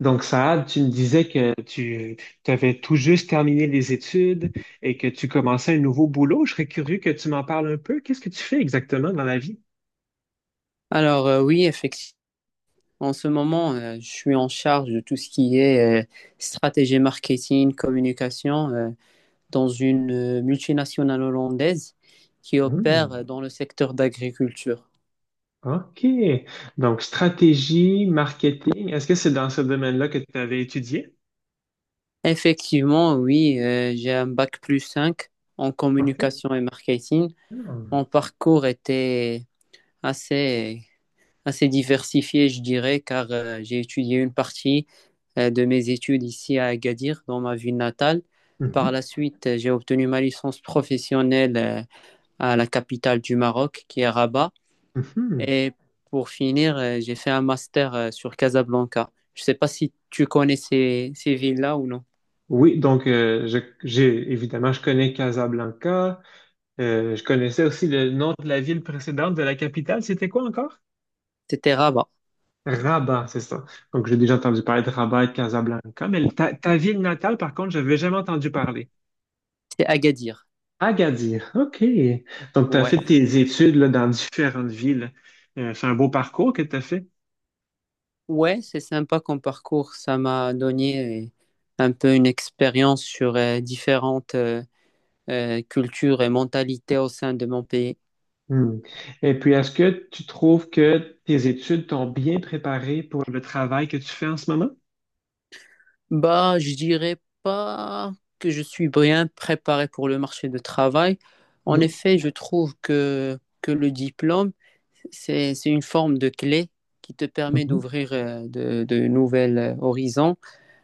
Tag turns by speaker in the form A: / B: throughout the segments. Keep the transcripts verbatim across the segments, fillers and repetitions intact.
A: Donc, Saad, tu me disais que tu avais tout juste terminé les études et que tu commençais un nouveau boulot. Je serais curieux que tu m'en parles un peu. Qu'est-ce que tu fais exactement dans la vie?
B: Alors, euh, oui, effectivement, en ce moment, euh, je suis en charge de tout ce qui est euh, stratégie marketing, communication euh, dans une euh, multinationale hollandaise qui opère
A: Hmm,
B: euh, dans le secteur d'agriculture.
A: OK. Donc, stratégie, marketing, est-ce que c'est dans ce domaine-là que tu avais étudié?
B: Effectivement, oui, euh, j'ai un bac plus cinq en
A: OK. Ah.
B: communication et marketing. Mon parcours était assez assez diversifié, je dirais, car euh, j'ai étudié une partie euh, de mes études ici à Agadir, dans ma ville natale.
A: Hmm.
B: Par
A: Mhm,
B: la suite, euh, j'ai obtenu ma licence professionnelle euh, à la capitale du Maroc, qui est Rabat.
A: mhm.
B: Et pour finir, euh, j'ai fait un master euh, sur Casablanca. Je ne sais pas si tu connais ces, ces villes-là ou non.
A: Oui, donc euh, je- j'ai évidemment je connais Casablanca. Euh, je connaissais aussi le nom de la ville précédente de la capitale. C'était quoi encore?
B: C'était Rabat,
A: Rabat, c'est ça. Donc, j'ai déjà entendu parler de Rabat et de Casablanca, mais ta, ta ville natale, par contre, je n'avais jamais entendu parler.
B: c'est Agadir.
A: Agadir, OK. Donc, tu as
B: Ouais,
A: fait tes études là, dans différentes villes. Euh, c'est un beau parcours que tu as fait.
B: ouais, c'est sympa comme parcours. Ça m'a donné euh, un peu une expérience sur euh, différentes euh, euh, culture et mentalité au sein de mon pays?
A: Hmm. Et puis, est-ce que tu trouves que tes études t'ont bien préparé pour le travail que tu fais en ce moment?
B: Bah, je dirais pas que je suis bien préparé pour le marché de travail. En
A: Non.
B: effet, je trouve que, que le diplôme, c'est, c'est une forme de clé qui te permet
A: Mhm,
B: d'ouvrir euh, de, de nouvelles euh, horizons.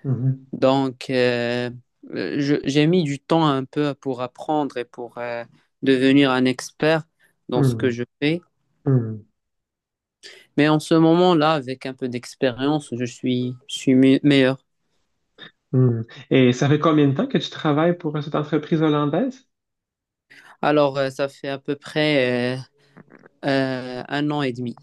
A: mhm,
B: Donc, euh, euh, je- j'ai mis du temps un peu pour apprendre et pour euh, devenir un expert dans ce que
A: mhm,
B: je fais.
A: mhm,
B: Mais en ce moment-là, avec un peu d'expérience, je suis, je suis me- meilleur.
A: mhm. Et ça fait combien de temps que tu travailles pour euh, cette entreprise hollandaise?
B: Alors, euh, ça fait à peu près euh, euh, un an et demi.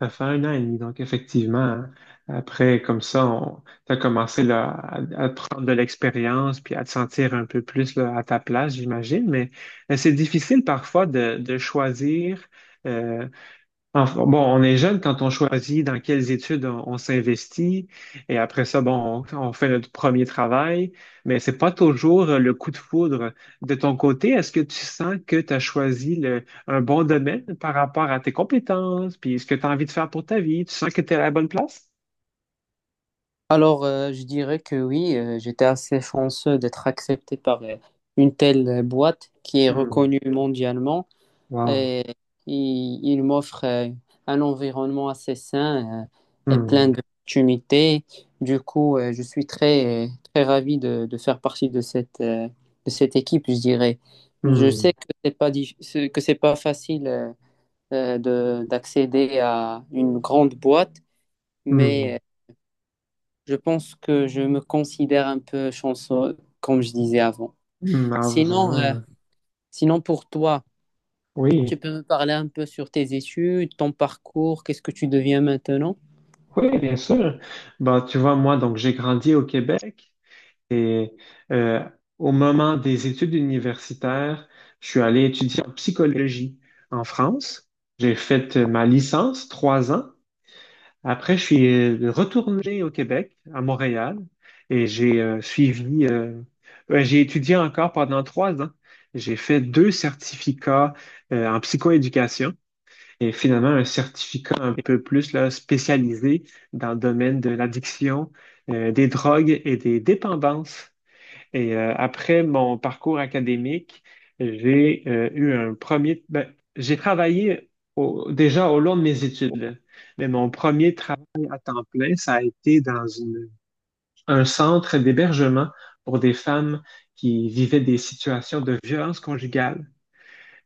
A: Ça fait un an et demi, donc effectivement, après, comme ça, on, t'as commencé là, à, à prendre de l'expérience puis à te sentir un peu plus là, à ta place, j'imagine, mais euh, c'est difficile parfois de, de choisir euh, enfin, bon, on est jeune quand on choisit dans quelles études on, on s'investit et après ça, bon, on, on fait notre premier travail, mais c'est pas toujours euh, le coup de foudre. De ton côté, est-ce que tu sens que tu as choisi le- un bon domaine par rapport à tes compétences, puis ce que tu as envie de faire pour ta vie? Tu sens que tu es à la bonne place?
B: Alors, euh, je dirais que oui, euh, j'étais assez chanceux d'être accepté par euh, une telle euh, boîte qui est
A: Hmm.
B: reconnue mondialement,
A: Wow.
B: et il, il m'offre euh, un environnement assez sain euh, et plein
A: Hmm.
B: d'opportunités. Du coup, euh, je suis très, très ravi de, de faire partie de cette, euh, de cette équipe, je dirais. Je
A: Hmm.
B: sais que c'est pas, dif- que c'est pas facile. Euh, euh, de, d'accéder à une grande boîte, mais euh,
A: Hmm.
B: je pense que je me considère un peu chanceux, comme je disais avant.
A: Hmm. Ah,
B: Sinon, euh,
A: vraiment.
B: sinon pour toi, tu
A: Oui.
B: peux me parler un peu sur tes études, ton parcours, qu'est-ce que tu deviens maintenant?
A: Oui, bien sûr. Bon, tu vois, moi, donc j'ai grandi au Québec. Et euh, au moment des études universitaires, je suis allé étudier en psychologie en France. J'ai fait euh, ma licence, trois ans. Après, je suis euh, retourné au Québec, à Montréal, et j'ai euh, suivi, euh, ouais, j'ai étudié encore pendant trois ans. J'ai fait deux certificats euh, en psychoéducation et finalement un certificat un peu plus là, spécialisé dans le domaine de l'addiction, euh, des drogues et des dépendances. Et euh, après mon parcours académique, j'ai euh, eu un premier... ben, j'ai travaillé au- déjà au long de mes études, mais mon premier travail à temps plein, ça a été dans une- un centre d'hébergement pour des femmes qui vivaient des situations de violence conjugale.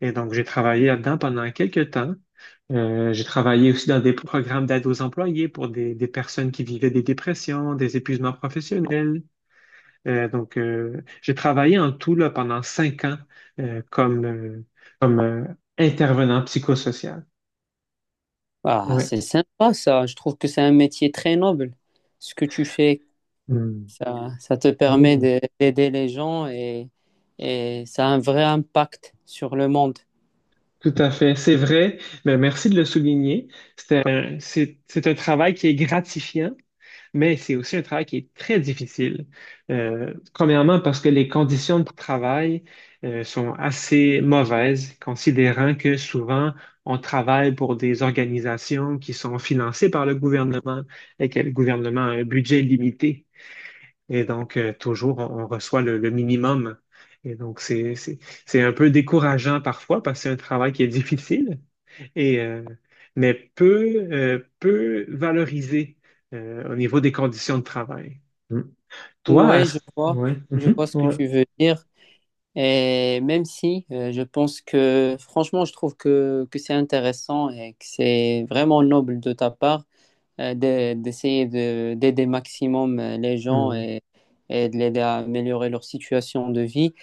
A: Et donc, j'ai travaillé là-dedans pendant quelques temps. Euh, j'ai travaillé aussi dans des programmes d'aide aux employés pour des, des personnes qui vivaient des dépressions, des épuisements professionnels. Euh, donc, euh, j'ai travaillé en tout là, pendant cinq ans euh, comme, euh, comme euh, intervenant psychosocial.
B: Ah,
A: Ouais.
B: c'est sympa, ça. Je trouve que c'est un métier très noble. Ce que tu fais,
A: Hmm.
B: Ça, ça te permet
A: Oui,
B: de- d'aider les gens, et, et ça a un vrai impact sur le monde.
A: tout à fait. C'est vrai. Ben, merci de le souligner. C'est un, c'est- c'est un travail qui est gratifiant, mais c'est aussi un travail qui est très difficile. Euh, premièrement, parce que les conditions de travail euh, sont assez mauvaises, considérant que souvent on travaille pour des organisations qui sont financées par le gouvernement et que le gouvernement a un budget limité. Et donc, euh, toujours, on, on reçoit le, le minimum. Et donc, c'est, c'est, c'est un peu décourageant parfois parce que c'est un travail qui est difficile, et euh, mais peu, euh, peu valorisé euh, au niveau des conditions de travail. Mm. Toi,
B: Oui, je
A: est-ce...
B: vois,
A: Oui.
B: je
A: Mhm.
B: vois ce que
A: Ouais.
B: tu veux dire. Et même si euh, je pense que, franchement, je trouve que, que c'est intéressant et que c'est vraiment noble de ta part, euh, de- d'essayer de, d'aider maximum euh, les gens,
A: Mm.
B: et, et de l'aider à améliorer leur situation de vie.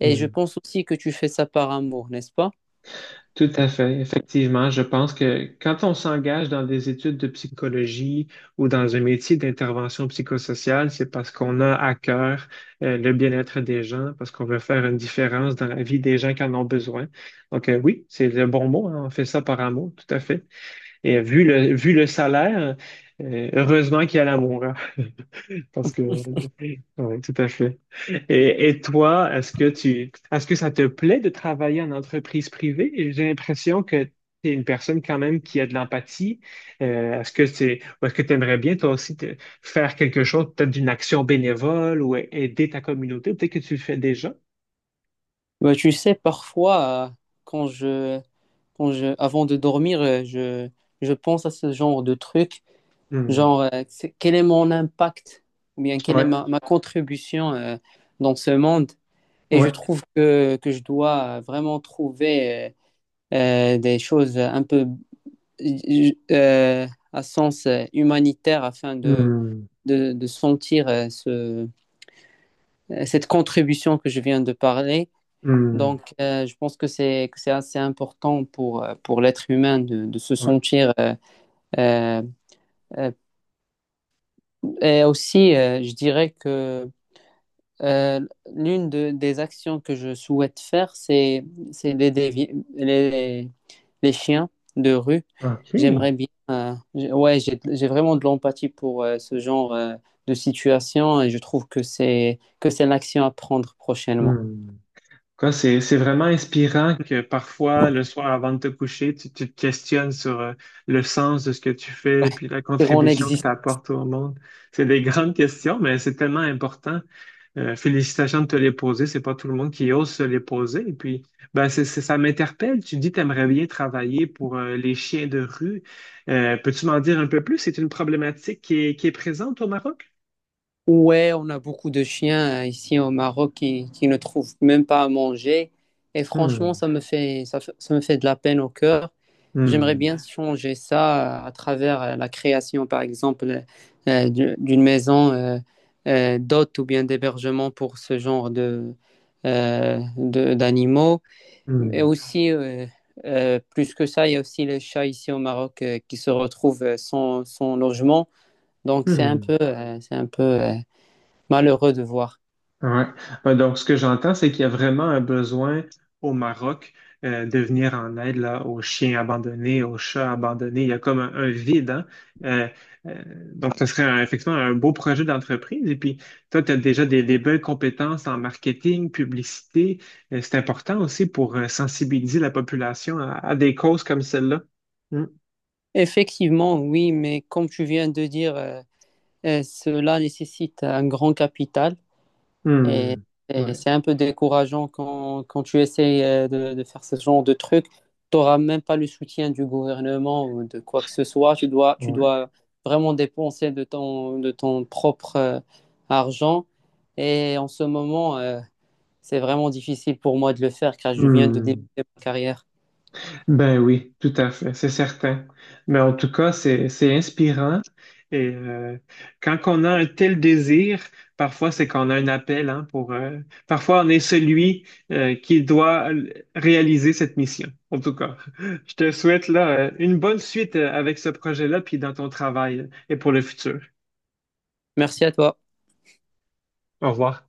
B: Et je
A: Mm.
B: pense aussi que tu fais ça par amour, n'est-ce pas?
A: Tout à fait. Effectivement, je pense que quand on s'engage dans des études de psychologie ou dans un métier d'intervention psychosociale, c'est parce qu'on a à cœur euh, le bien-être des gens, parce qu'on veut faire une différence dans la vie des gens qui en ont besoin. Donc, euh, oui, c'est le bon mot, hein. On fait ça par amour, tout à fait. Et vu le, vu le salaire, euh, heureusement qu'il y a l'amour, hein, parce que, oui, tout à fait. Et, et toi, est-ce que tu, est-ce que ça te plaît de travailler en entreprise privée? J'ai l'impression que tu es une personne quand même qui a de l'empathie. Euh, est-ce que c'est, ou est-ce que tu aimerais bien toi aussi te- faire quelque chose, peut-être d'une action bénévole ou a- aider ta communauté? Peut-être que tu le fais déjà.
B: Bah, tu sais, parfois, euh, quand je, quand je, avant de dormir, euh, je, je pense à ce genre de truc,
A: Hmm.
B: genre, euh, c'est- quel est mon impact ou bien quelle est
A: Ouais,
B: ma, ma contribution euh, dans ce monde? Et je
A: ouais.
B: trouve que, que je dois vraiment trouver euh, euh, des choses un peu euh, à sens euh, humanitaire afin de,
A: Hmm.
B: de, de sentir euh, ce, cette contribution que je viens de parler.
A: Hmm.
B: Donc, euh, je pense que c'est que c'est assez important pour euh, pour l'être humain de, de se
A: Ouais.
B: sentir euh, euh, euh, et aussi euh, je dirais que euh, l'une de- des actions que je souhaite faire c'est c'est d'aider vi- les les chiens de rue.
A: OK.
B: J'aimerais bien, euh, j'ai- ouais, j'ai j'ai vraiment de l'empathie pour euh, ce genre euh, de situation, et je trouve que c'est que c'est une action à prendre prochainement.
A: Hmm. Quoi, c'est, c'est vraiment inspirant que parfois, le soir avant de te coucher, tu, tu te questionnes sur euh, le sens de ce que tu
B: Ouais,
A: fais puis la
B: sur mon
A: contribution que
B: existence.
A: tu apportes au monde. C'est des grandes questions, mais c'est tellement important. Euh, félicitations de te les poser. C'est pas tout le monde qui ose se les poser. Et puis, ben, c'est, c'est- ça m'interpelle. Tu dis, t'aimerais bien travailler pour euh, les chiens de rue. Euh, peux-tu m'en dire un peu plus? C'est une problématique qui est, qui est présente au Maroc?
B: Ouais, on a beaucoup de chiens euh, ici au Maroc qui, qui ne trouvent même pas à manger. Et franchement,
A: Hmm,
B: ça me fait, ça, fait- ça me fait de la peine au cœur. J'aimerais
A: hmm,
B: bien changer ça euh, à travers euh, la création, par exemple, euh, du- d'une maison euh, euh, d'hôtes ou bien d'hébergement pour ce genre de, euh, de- d'animaux. Et
A: hmm,
B: aussi, euh, euh, plus que ça, il y a aussi les chats ici au Maroc euh, qui se retrouvent euh, sans, sans logement. Donc, c'est un
A: hmm.
B: peu, euh, c'est un peu, euh, malheureux de voir.
A: Ouais. Euh, Donc, ce que j'entends, c'est qu'il y a vraiment un besoin au Maroc euh, de venir en aide là, aux chiens abandonnés, aux chats abandonnés. Il y a comme un, un vide, hein? Euh, euh, donc, ce serait un- effectivement un beau projet d'entreprise. Et puis, toi, tu as déjà des, des belles compétences en marketing, publicité. Euh, c'est important aussi pour euh, sensibiliser la population à, à des causes comme celle-là. Hmm.
B: Effectivement, oui, mais comme tu viens de dire, euh, euh, cela nécessite un grand capital, et,
A: Hmm.
B: et
A: Ouais.
B: c'est un peu décourageant quand, quand tu essayes euh, de, de faire ce genre de truc. Tu n'auras même pas le soutien du gouvernement ou de quoi que ce soit. Tu dois, tu
A: Ouais.
B: dois vraiment dépenser de ton, de ton propre euh, argent. Et en ce moment, euh, c'est vraiment difficile pour moi de le faire car je viens de débuter
A: Hmm.
B: ma carrière.
A: Ben oui, tout à fait, c'est certain. Mais en tout cas, c'est c'est inspirant. Et euh, quand on a un tel désir, parfois c'est qu'on a un appel, hein, pour. Euh, parfois on est celui euh, qui doit l- réaliser cette mission. En tout cas, je te souhaite là euh, une bonne suite euh, avec ce projet-là, puis dans ton travail euh, et pour le futur.
B: Merci à toi.
A: Au revoir.